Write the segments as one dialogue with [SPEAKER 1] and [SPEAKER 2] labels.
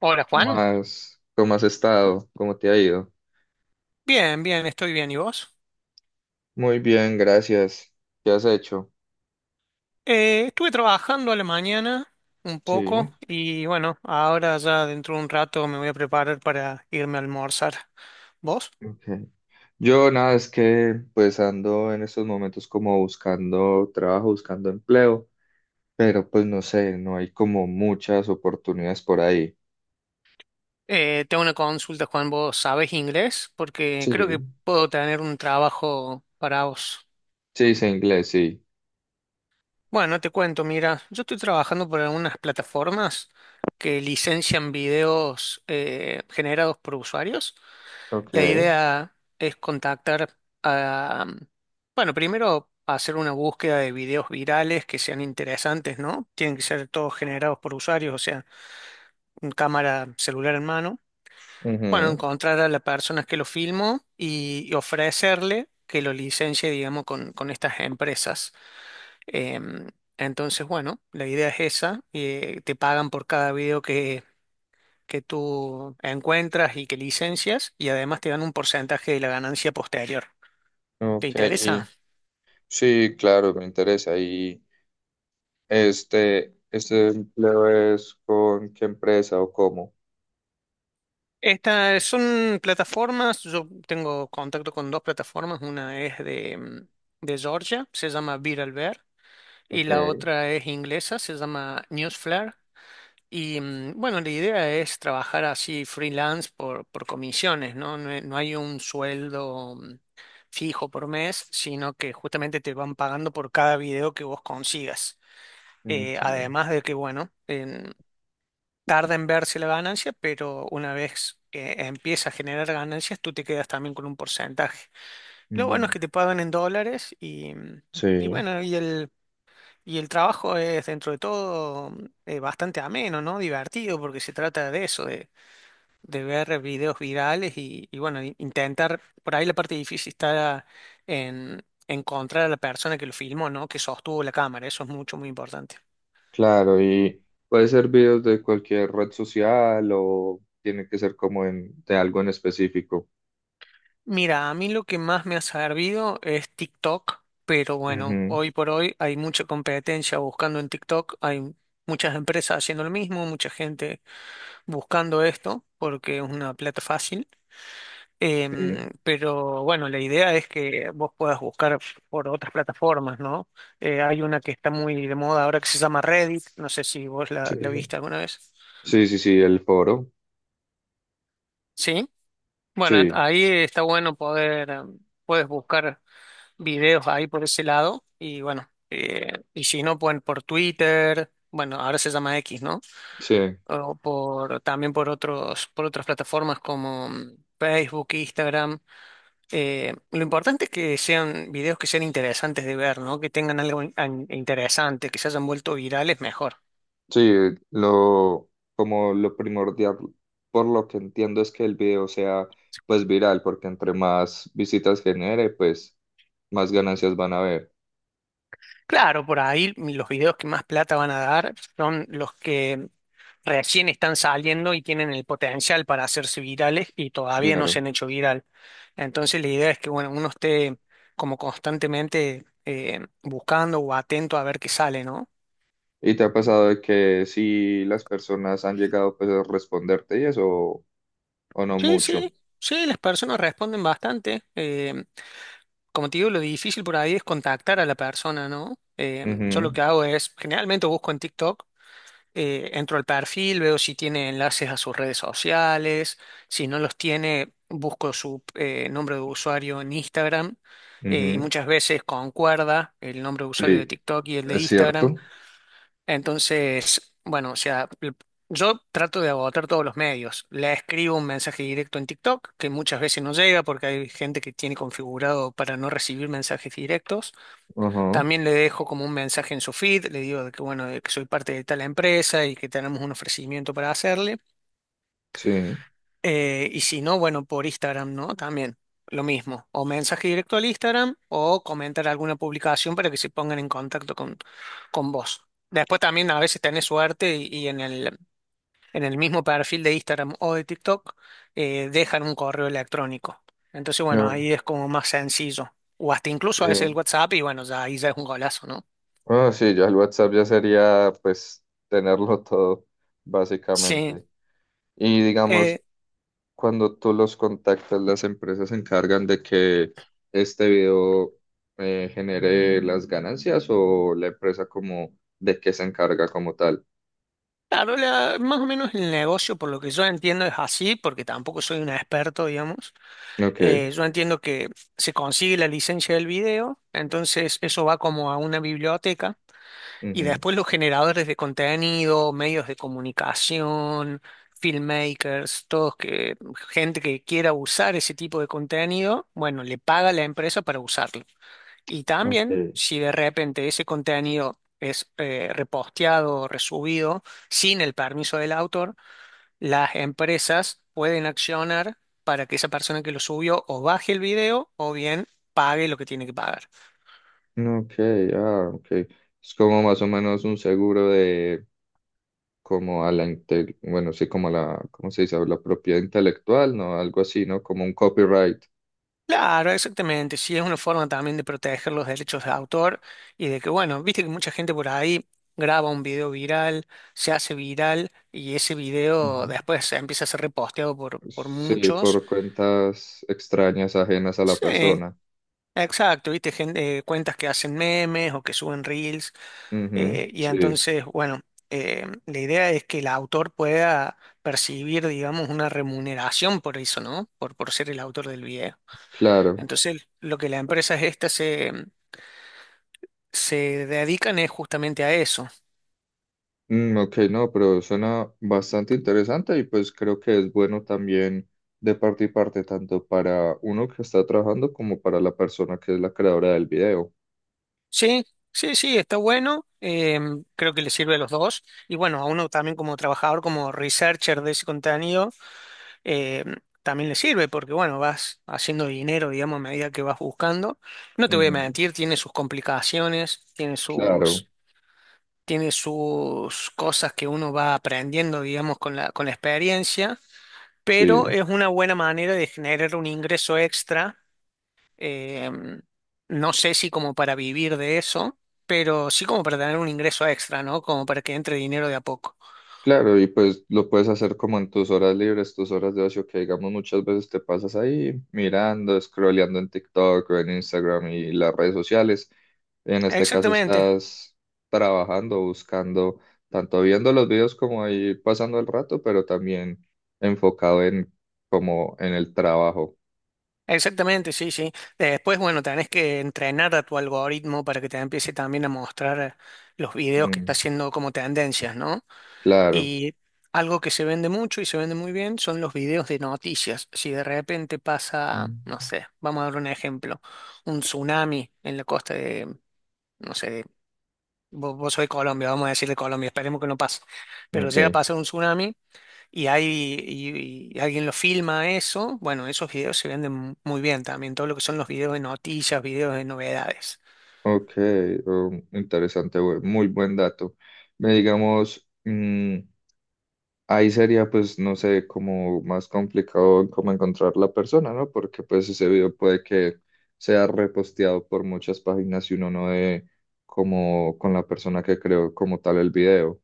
[SPEAKER 1] Hola
[SPEAKER 2] ¿Cómo
[SPEAKER 1] Juan,
[SPEAKER 2] has, cómo has estado? ¿Cómo te ha ido?
[SPEAKER 1] bien, bien, estoy bien. ¿Y vos?
[SPEAKER 2] Muy bien, gracias. ¿Qué has hecho?
[SPEAKER 1] Estuve trabajando a la mañana un poco
[SPEAKER 2] Sí,
[SPEAKER 1] y bueno, ahora ya dentro de un rato me voy a preparar para irme a almorzar. ¿Vos?
[SPEAKER 2] ok. Yo nada, es que pues ando en estos momentos como buscando trabajo, buscando empleo, pero pues no sé, no hay como muchas oportunidades por ahí.
[SPEAKER 1] Tengo una consulta, Juan. ¿Vos sabés inglés? Porque creo que
[SPEAKER 2] Sí,
[SPEAKER 1] puedo tener un trabajo para vos.
[SPEAKER 2] sí, sé inglés, sí.
[SPEAKER 1] Bueno, te cuento, mira, yo estoy trabajando por algunas plataformas que licencian videos generados por usuarios.
[SPEAKER 2] Ok.
[SPEAKER 1] La idea es contactar a, bueno, primero hacer una búsqueda de videos virales que sean interesantes, ¿no? Tienen que ser todos generados por usuarios, o sea, un cámara celular en mano. Bueno,
[SPEAKER 2] Ujú.
[SPEAKER 1] encontrar a la persona que lo filmó y ofrecerle que lo licencie, digamos, con estas empresas. Em, entonces, bueno, la idea es esa. Te pagan por cada video que tú encuentras y que licencias, y además te dan un porcentaje de la ganancia posterior. ¿Te
[SPEAKER 2] Ok,
[SPEAKER 1] interesa?
[SPEAKER 2] y sí, claro, me interesa. ¿Y este empleo es con qué empresa o cómo?
[SPEAKER 1] Estas son plataformas, yo tengo contacto con dos plataformas, una es de Georgia, se llama Viral Bear, y
[SPEAKER 2] Ok.
[SPEAKER 1] la otra es inglesa, se llama Newsflare. Y bueno, la idea es trabajar así freelance por comisiones, ¿no? No, no hay un sueldo fijo por mes, sino que justamente te van pagando por cada video que vos consigas.
[SPEAKER 2] Ok.
[SPEAKER 1] Además de que, bueno, tarda en verse la ganancia, pero una vez que empieza a generar ganancias, tú te quedas también con un porcentaje. Lo bueno es
[SPEAKER 2] Mm.
[SPEAKER 1] que te pagan en dólares, y
[SPEAKER 2] Sí,
[SPEAKER 1] bueno, y el trabajo es dentro de todo bastante ameno, ¿no? Divertido, porque se trata de eso, de ver videos virales y bueno, intentar, por ahí la parte difícil está en encontrar a la persona que lo filmó, ¿no? Que sostuvo la cámara, eso es mucho, muy importante.
[SPEAKER 2] claro, y puede ser videos de cualquier red social o tiene que ser como en, de algo en específico.
[SPEAKER 1] Mira, a mí lo que más me ha servido es TikTok, pero bueno,
[SPEAKER 2] Ujú.
[SPEAKER 1] hoy por hoy hay mucha competencia buscando en TikTok, hay muchas empresas haciendo lo mismo, mucha gente buscando esto porque es una plata fácil.
[SPEAKER 2] Sí,
[SPEAKER 1] Pero bueno, la idea es que vos puedas buscar por otras plataformas, ¿no? Hay una que está muy de moda ahora que se llama Reddit, no sé si vos la,
[SPEAKER 2] sí,
[SPEAKER 1] la viste alguna vez.
[SPEAKER 2] sí, sí, sí, el foro,
[SPEAKER 1] Sí, bueno,
[SPEAKER 2] sí,
[SPEAKER 1] ahí está bueno poder, puedes buscar videos ahí por ese lado. Y bueno, y si no, pueden por Twitter, bueno, ahora se llama X, ¿no?
[SPEAKER 2] sí,
[SPEAKER 1] O también por otras plataformas como Facebook, Instagram. Lo importante es que sean videos que sean interesantes de ver, ¿no? Que tengan algo interesante, que se hayan vuelto virales, mejor.
[SPEAKER 2] sí, lo, como lo primordial, por lo que entiendo es que el video sea pues viral, porque entre más visitas genere, pues más ganancias van a haber,
[SPEAKER 1] Claro, por ahí los videos que más plata van a dar son los que recién están saliendo y tienen el potencial para hacerse virales y todavía no se
[SPEAKER 2] claro.
[SPEAKER 1] han hecho viral. Entonces la idea es que bueno, uno esté como constantemente buscando o atento a ver qué sale, ¿no?
[SPEAKER 2] ¿Y te ha pasado de que si las personas han llegado pues a responderte y eso? O no
[SPEAKER 1] Sí,
[SPEAKER 2] mucho.
[SPEAKER 1] sí, sí, las personas responden bastante. Como te digo, lo difícil por ahí es contactar a la persona, ¿no? Yo lo
[SPEAKER 2] Ujú,
[SPEAKER 1] que hago es, generalmente busco en TikTok, entro al perfil, veo si tiene enlaces a sus redes sociales, si no los tiene, busco su nombre de usuario en Instagram, y
[SPEAKER 2] ujú.
[SPEAKER 1] muchas veces concuerda el nombre de usuario de
[SPEAKER 2] Sí,
[SPEAKER 1] TikTok y el de
[SPEAKER 2] es
[SPEAKER 1] Instagram.
[SPEAKER 2] cierto.
[SPEAKER 1] Entonces, bueno, o sea, yo trato de agotar todos los medios. Le escribo un mensaje directo en TikTok, que muchas veces no llega porque hay gente que tiene configurado para no recibir mensajes directos.
[SPEAKER 2] Ajá,
[SPEAKER 1] También le dejo como un mensaje en su feed, le digo de que bueno, de que soy parte de tal empresa y que tenemos un ofrecimiento para hacerle.
[SPEAKER 2] sí.
[SPEAKER 1] Y si no, bueno, por Instagram, ¿no? También lo mismo. O mensaje directo al Instagram o comentar alguna publicación para que se pongan en contacto con vos. Después también a veces tenés suerte, y en el mismo perfil de Instagram o de TikTok dejan un correo electrónico. Entonces, bueno,
[SPEAKER 2] No,
[SPEAKER 1] ahí es como más sencillo. O hasta incluso a veces el
[SPEAKER 2] sí.
[SPEAKER 1] WhatsApp y bueno, ya ahí ya es un golazo, ¿no?
[SPEAKER 2] Ah, sí, ya el WhatsApp ya sería pues tenerlo todo,
[SPEAKER 1] Sí.
[SPEAKER 2] básicamente. Y
[SPEAKER 1] Eh,
[SPEAKER 2] digamos, cuando tú los contactas, las empresas se encargan de que este video genere las ganancias o la empresa como de qué se encarga como tal.
[SPEAKER 1] claro, más o menos el negocio, por lo que yo entiendo, es así, porque tampoco soy un experto, digamos.
[SPEAKER 2] Ok.
[SPEAKER 1] Yo entiendo que se consigue la licencia del video, entonces eso va como a una biblioteca. Y
[SPEAKER 2] Ujú,
[SPEAKER 1] después los generadores de contenido, medios de comunicación, filmmakers, todos que, gente que quiera usar ese tipo de contenido, bueno, le paga a la empresa para usarlo. Y también,
[SPEAKER 2] ok.
[SPEAKER 1] si de repente ese contenido es reposteado o resubido sin el permiso del autor, las empresas pueden accionar para que esa persona que lo subió o baje el video o bien pague lo que tiene que pagar.
[SPEAKER 2] Ok, ah, ok. Es como más o menos un seguro de como a la inte- bueno, sí, como a la, ¿cómo se dice? La propiedad intelectual, ¿no? Algo así, ¿no? Como un copyright.
[SPEAKER 1] Claro, exactamente. Sí, es una forma también de proteger los derechos de autor y de que, bueno, viste que mucha gente por ahí graba un video viral, se hace viral y ese video
[SPEAKER 2] Ujú.
[SPEAKER 1] después empieza a ser reposteado por
[SPEAKER 2] Sí,
[SPEAKER 1] muchos.
[SPEAKER 2] por cuentas extrañas ajenas a la
[SPEAKER 1] Sí,
[SPEAKER 2] persona.
[SPEAKER 1] exacto, viste, gente, cuentas que hacen memes o que suben reels,
[SPEAKER 2] Ujú,
[SPEAKER 1] y
[SPEAKER 2] sí,
[SPEAKER 1] entonces, bueno, la idea es que el autor pueda percibir, digamos, una remuneración por eso, ¿no? Por ser el autor del video.
[SPEAKER 2] claro.
[SPEAKER 1] Entonces, lo que la empresa esta se dedican es justamente a eso.
[SPEAKER 2] Mm, ok, no, pero suena bastante interesante y pues creo que es bueno también de parte y parte, tanto para uno que está trabajando como para la persona que es la creadora del video.
[SPEAKER 1] Sí, sí, sí, está bueno. Creo que le sirve a los dos. Y bueno, a uno también como trabajador, como researcher de ese contenido, eh, también le sirve porque, bueno, vas haciendo dinero, digamos, a medida que vas buscando. No te voy a
[SPEAKER 2] Ujú,
[SPEAKER 1] mentir, tiene sus complicaciones, tiene
[SPEAKER 2] claro.
[SPEAKER 1] sus, tiene sus cosas que uno va aprendiendo, digamos, con la experiencia. Pero
[SPEAKER 2] Sí,
[SPEAKER 1] es una buena manera de generar un ingreso extra. Eh, no sé si como para vivir de eso, pero sí como para tener un ingreso extra, ¿no? Como para que entre dinero de a poco.
[SPEAKER 2] claro, y pues lo puedes hacer como en tus horas libres, tus horas de ocio, que digamos muchas veces te pasas ahí mirando, scrolleando en TikTok o en Instagram y las redes sociales. En este caso
[SPEAKER 1] Exactamente,
[SPEAKER 2] estás trabajando, buscando, tanto viendo los videos como ahí pasando el rato, pero también enfocado en como en el trabajo.
[SPEAKER 1] exactamente, sí, sí. Después, bueno, tenés que entrenar a tu algoritmo para que te empiece también a mostrar los videos que está
[SPEAKER 2] Mm,
[SPEAKER 1] haciendo como tendencias, ¿no?
[SPEAKER 2] claro.
[SPEAKER 1] Y algo que se vende mucho y se vende muy bien son los videos de noticias. Si de repente pasa,
[SPEAKER 2] Mm.
[SPEAKER 1] no sé, vamos a dar un ejemplo, un tsunami en la costa de, no sé, vos sois Colombia, vamos a decirle Colombia, esperemos que no pase. Pero llega a
[SPEAKER 2] Ok,
[SPEAKER 1] pasar un tsunami y alguien lo filma eso, bueno, esos videos se venden muy bien también, todo lo que son los videos de noticias, videos de novedades.
[SPEAKER 2] ok, interesante, bu- muy buen dato. Me digamos... mm, ahí sería, pues, no sé, como más complicado como encontrar la persona, ¿no? Porque pues ese video puede que sea reposteado por muchas páginas y uno no dé como con la persona que creó como tal el video.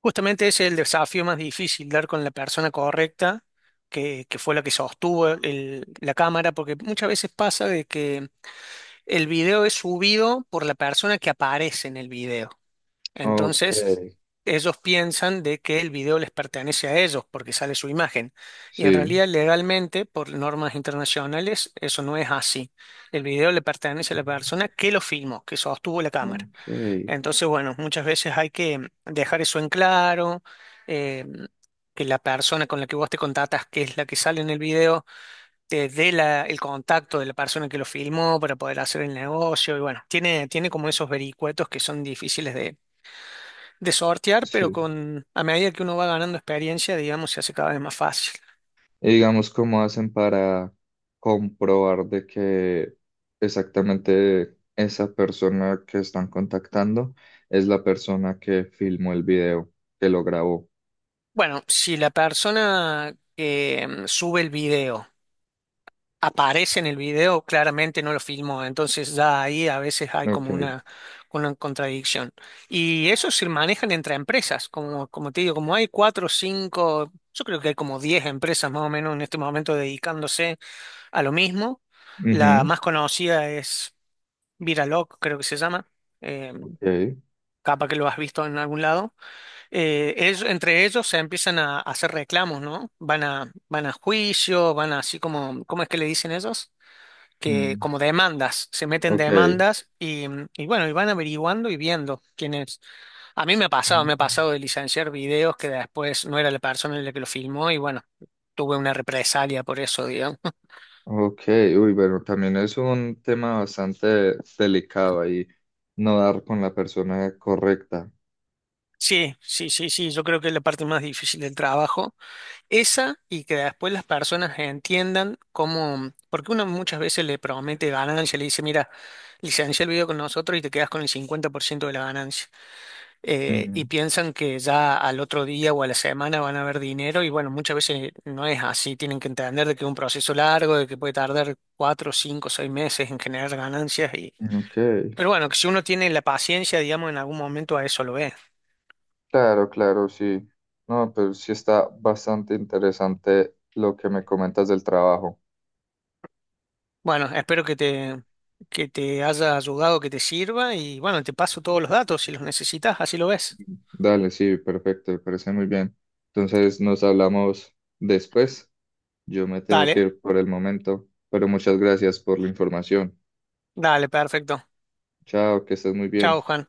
[SPEAKER 1] Justamente ese es el desafío más difícil, dar con la persona correcta, que fue la que sostuvo la cámara, porque muchas veces pasa de que el video es subido por la persona que aparece en el video.
[SPEAKER 2] Ok,
[SPEAKER 1] Entonces, ellos piensan de que el video les pertenece a ellos porque sale su imagen. Y en
[SPEAKER 2] sí,
[SPEAKER 1] realidad, legalmente, por normas internacionales, eso no es así. El video le pertenece a la persona que lo filmó, que sostuvo la cámara.
[SPEAKER 2] ok,
[SPEAKER 1] Entonces, bueno, muchas veces hay que dejar eso en claro, eh, que la persona con la que vos te contactas, que es la que sale en el video, te dé el contacto de la persona que lo filmó para poder hacer el negocio. Y bueno, tiene como esos vericuetos que son difíciles de sortear, pero
[SPEAKER 2] sí.
[SPEAKER 1] a medida que uno va ganando experiencia, digamos, se hace cada vez más fácil.
[SPEAKER 2] Y digamos, ¿cómo hacen para comprobar de que exactamente esa persona que están contactando es la persona que filmó el video, que lo grabó?
[SPEAKER 1] Bueno, si la persona que sube el video aparece en el video, claramente no lo filmó, entonces ya ahí a veces hay como
[SPEAKER 2] Ok.
[SPEAKER 1] una contradicción. Y eso se manejan entre empresas, como te digo, como hay cuatro o cinco, yo creo que hay como 10 empresas más o menos en este momento dedicándose a lo mismo. La
[SPEAKER 2] Ujú.
[SPEAKER 1] más conocida es Viraloc, creo que se llama. Eh,
[SPEAKER 2] Ok.
[SPEAKER 1] Capaz que lo has visto en algún lado, entre ellos se empiezan a hacer reclamos, ¿no? Van a juicio, van a así como, ¿cómo es que le dicen ellos? Que
[SPEAKER 2] Mm.
[SPEAKER 1] como demandas, se meten
[SPEAKER 2] Ok.
[SPEAKER 1] demandas y bueno, y van averiguando y viendo quién es. A mí me ha
[SPEAKER 2] Mm.
[SPEAKER 1] pasado de licenciar videos que después no era la persona la que lo filmó y bueno, tuve una represalia por eso, digamos.
[SPEAKER 2] Ok. Uy, bueno, también es un tema bastante delicado ahí, no dar con la persona correcta.
[SPEAKER 1] Sí, sí, sí, sí, yo creo que es la parte más difícil del trabajo. Esa y que después las personas entiendan cómo, porque uno muchas veces le promete ganancia, le dice, mira, licencia el video con nosotros y te quedas con el 50% de la ganancia. Y piensan que ya al otro día o a la semana van a ver dinero y bueno, muchas veces no es así, tienen que entender de que es un proceso largo, de que puede tardar 4, 5, 6 meses en generar ganancias. Y...
[SPEAKER 2] Ujú. Ok,
[SPEAKER 1] Pero bueno, que si uno tiene la paciencia, digamos, en algún momento a eso lo ve.
[SPEAKER 2] claro, claro, sí. No, pero sí está bastante interesante lo que me comentas del trabajo.
[SPEAKER 1] Bueno, espero que te, haya ayudado, que te sirva y bueno, te paso todos los datos si los necesitas, así lo ves.
[SPEAKER 2] Dale, sí, perfecto, me parece muy bien. Entonces nos hablamos después. Yo me tengo que
[SPEAKER 1] Dale,
[SPEAKER 2] ir por el momento, pero muchas gracias por la información.
[SPEAKER 1] dale, perfecto.
[SPEAKER 2] Chao, que estés muy bien.
[SPEAKER 1] Chao, Juan.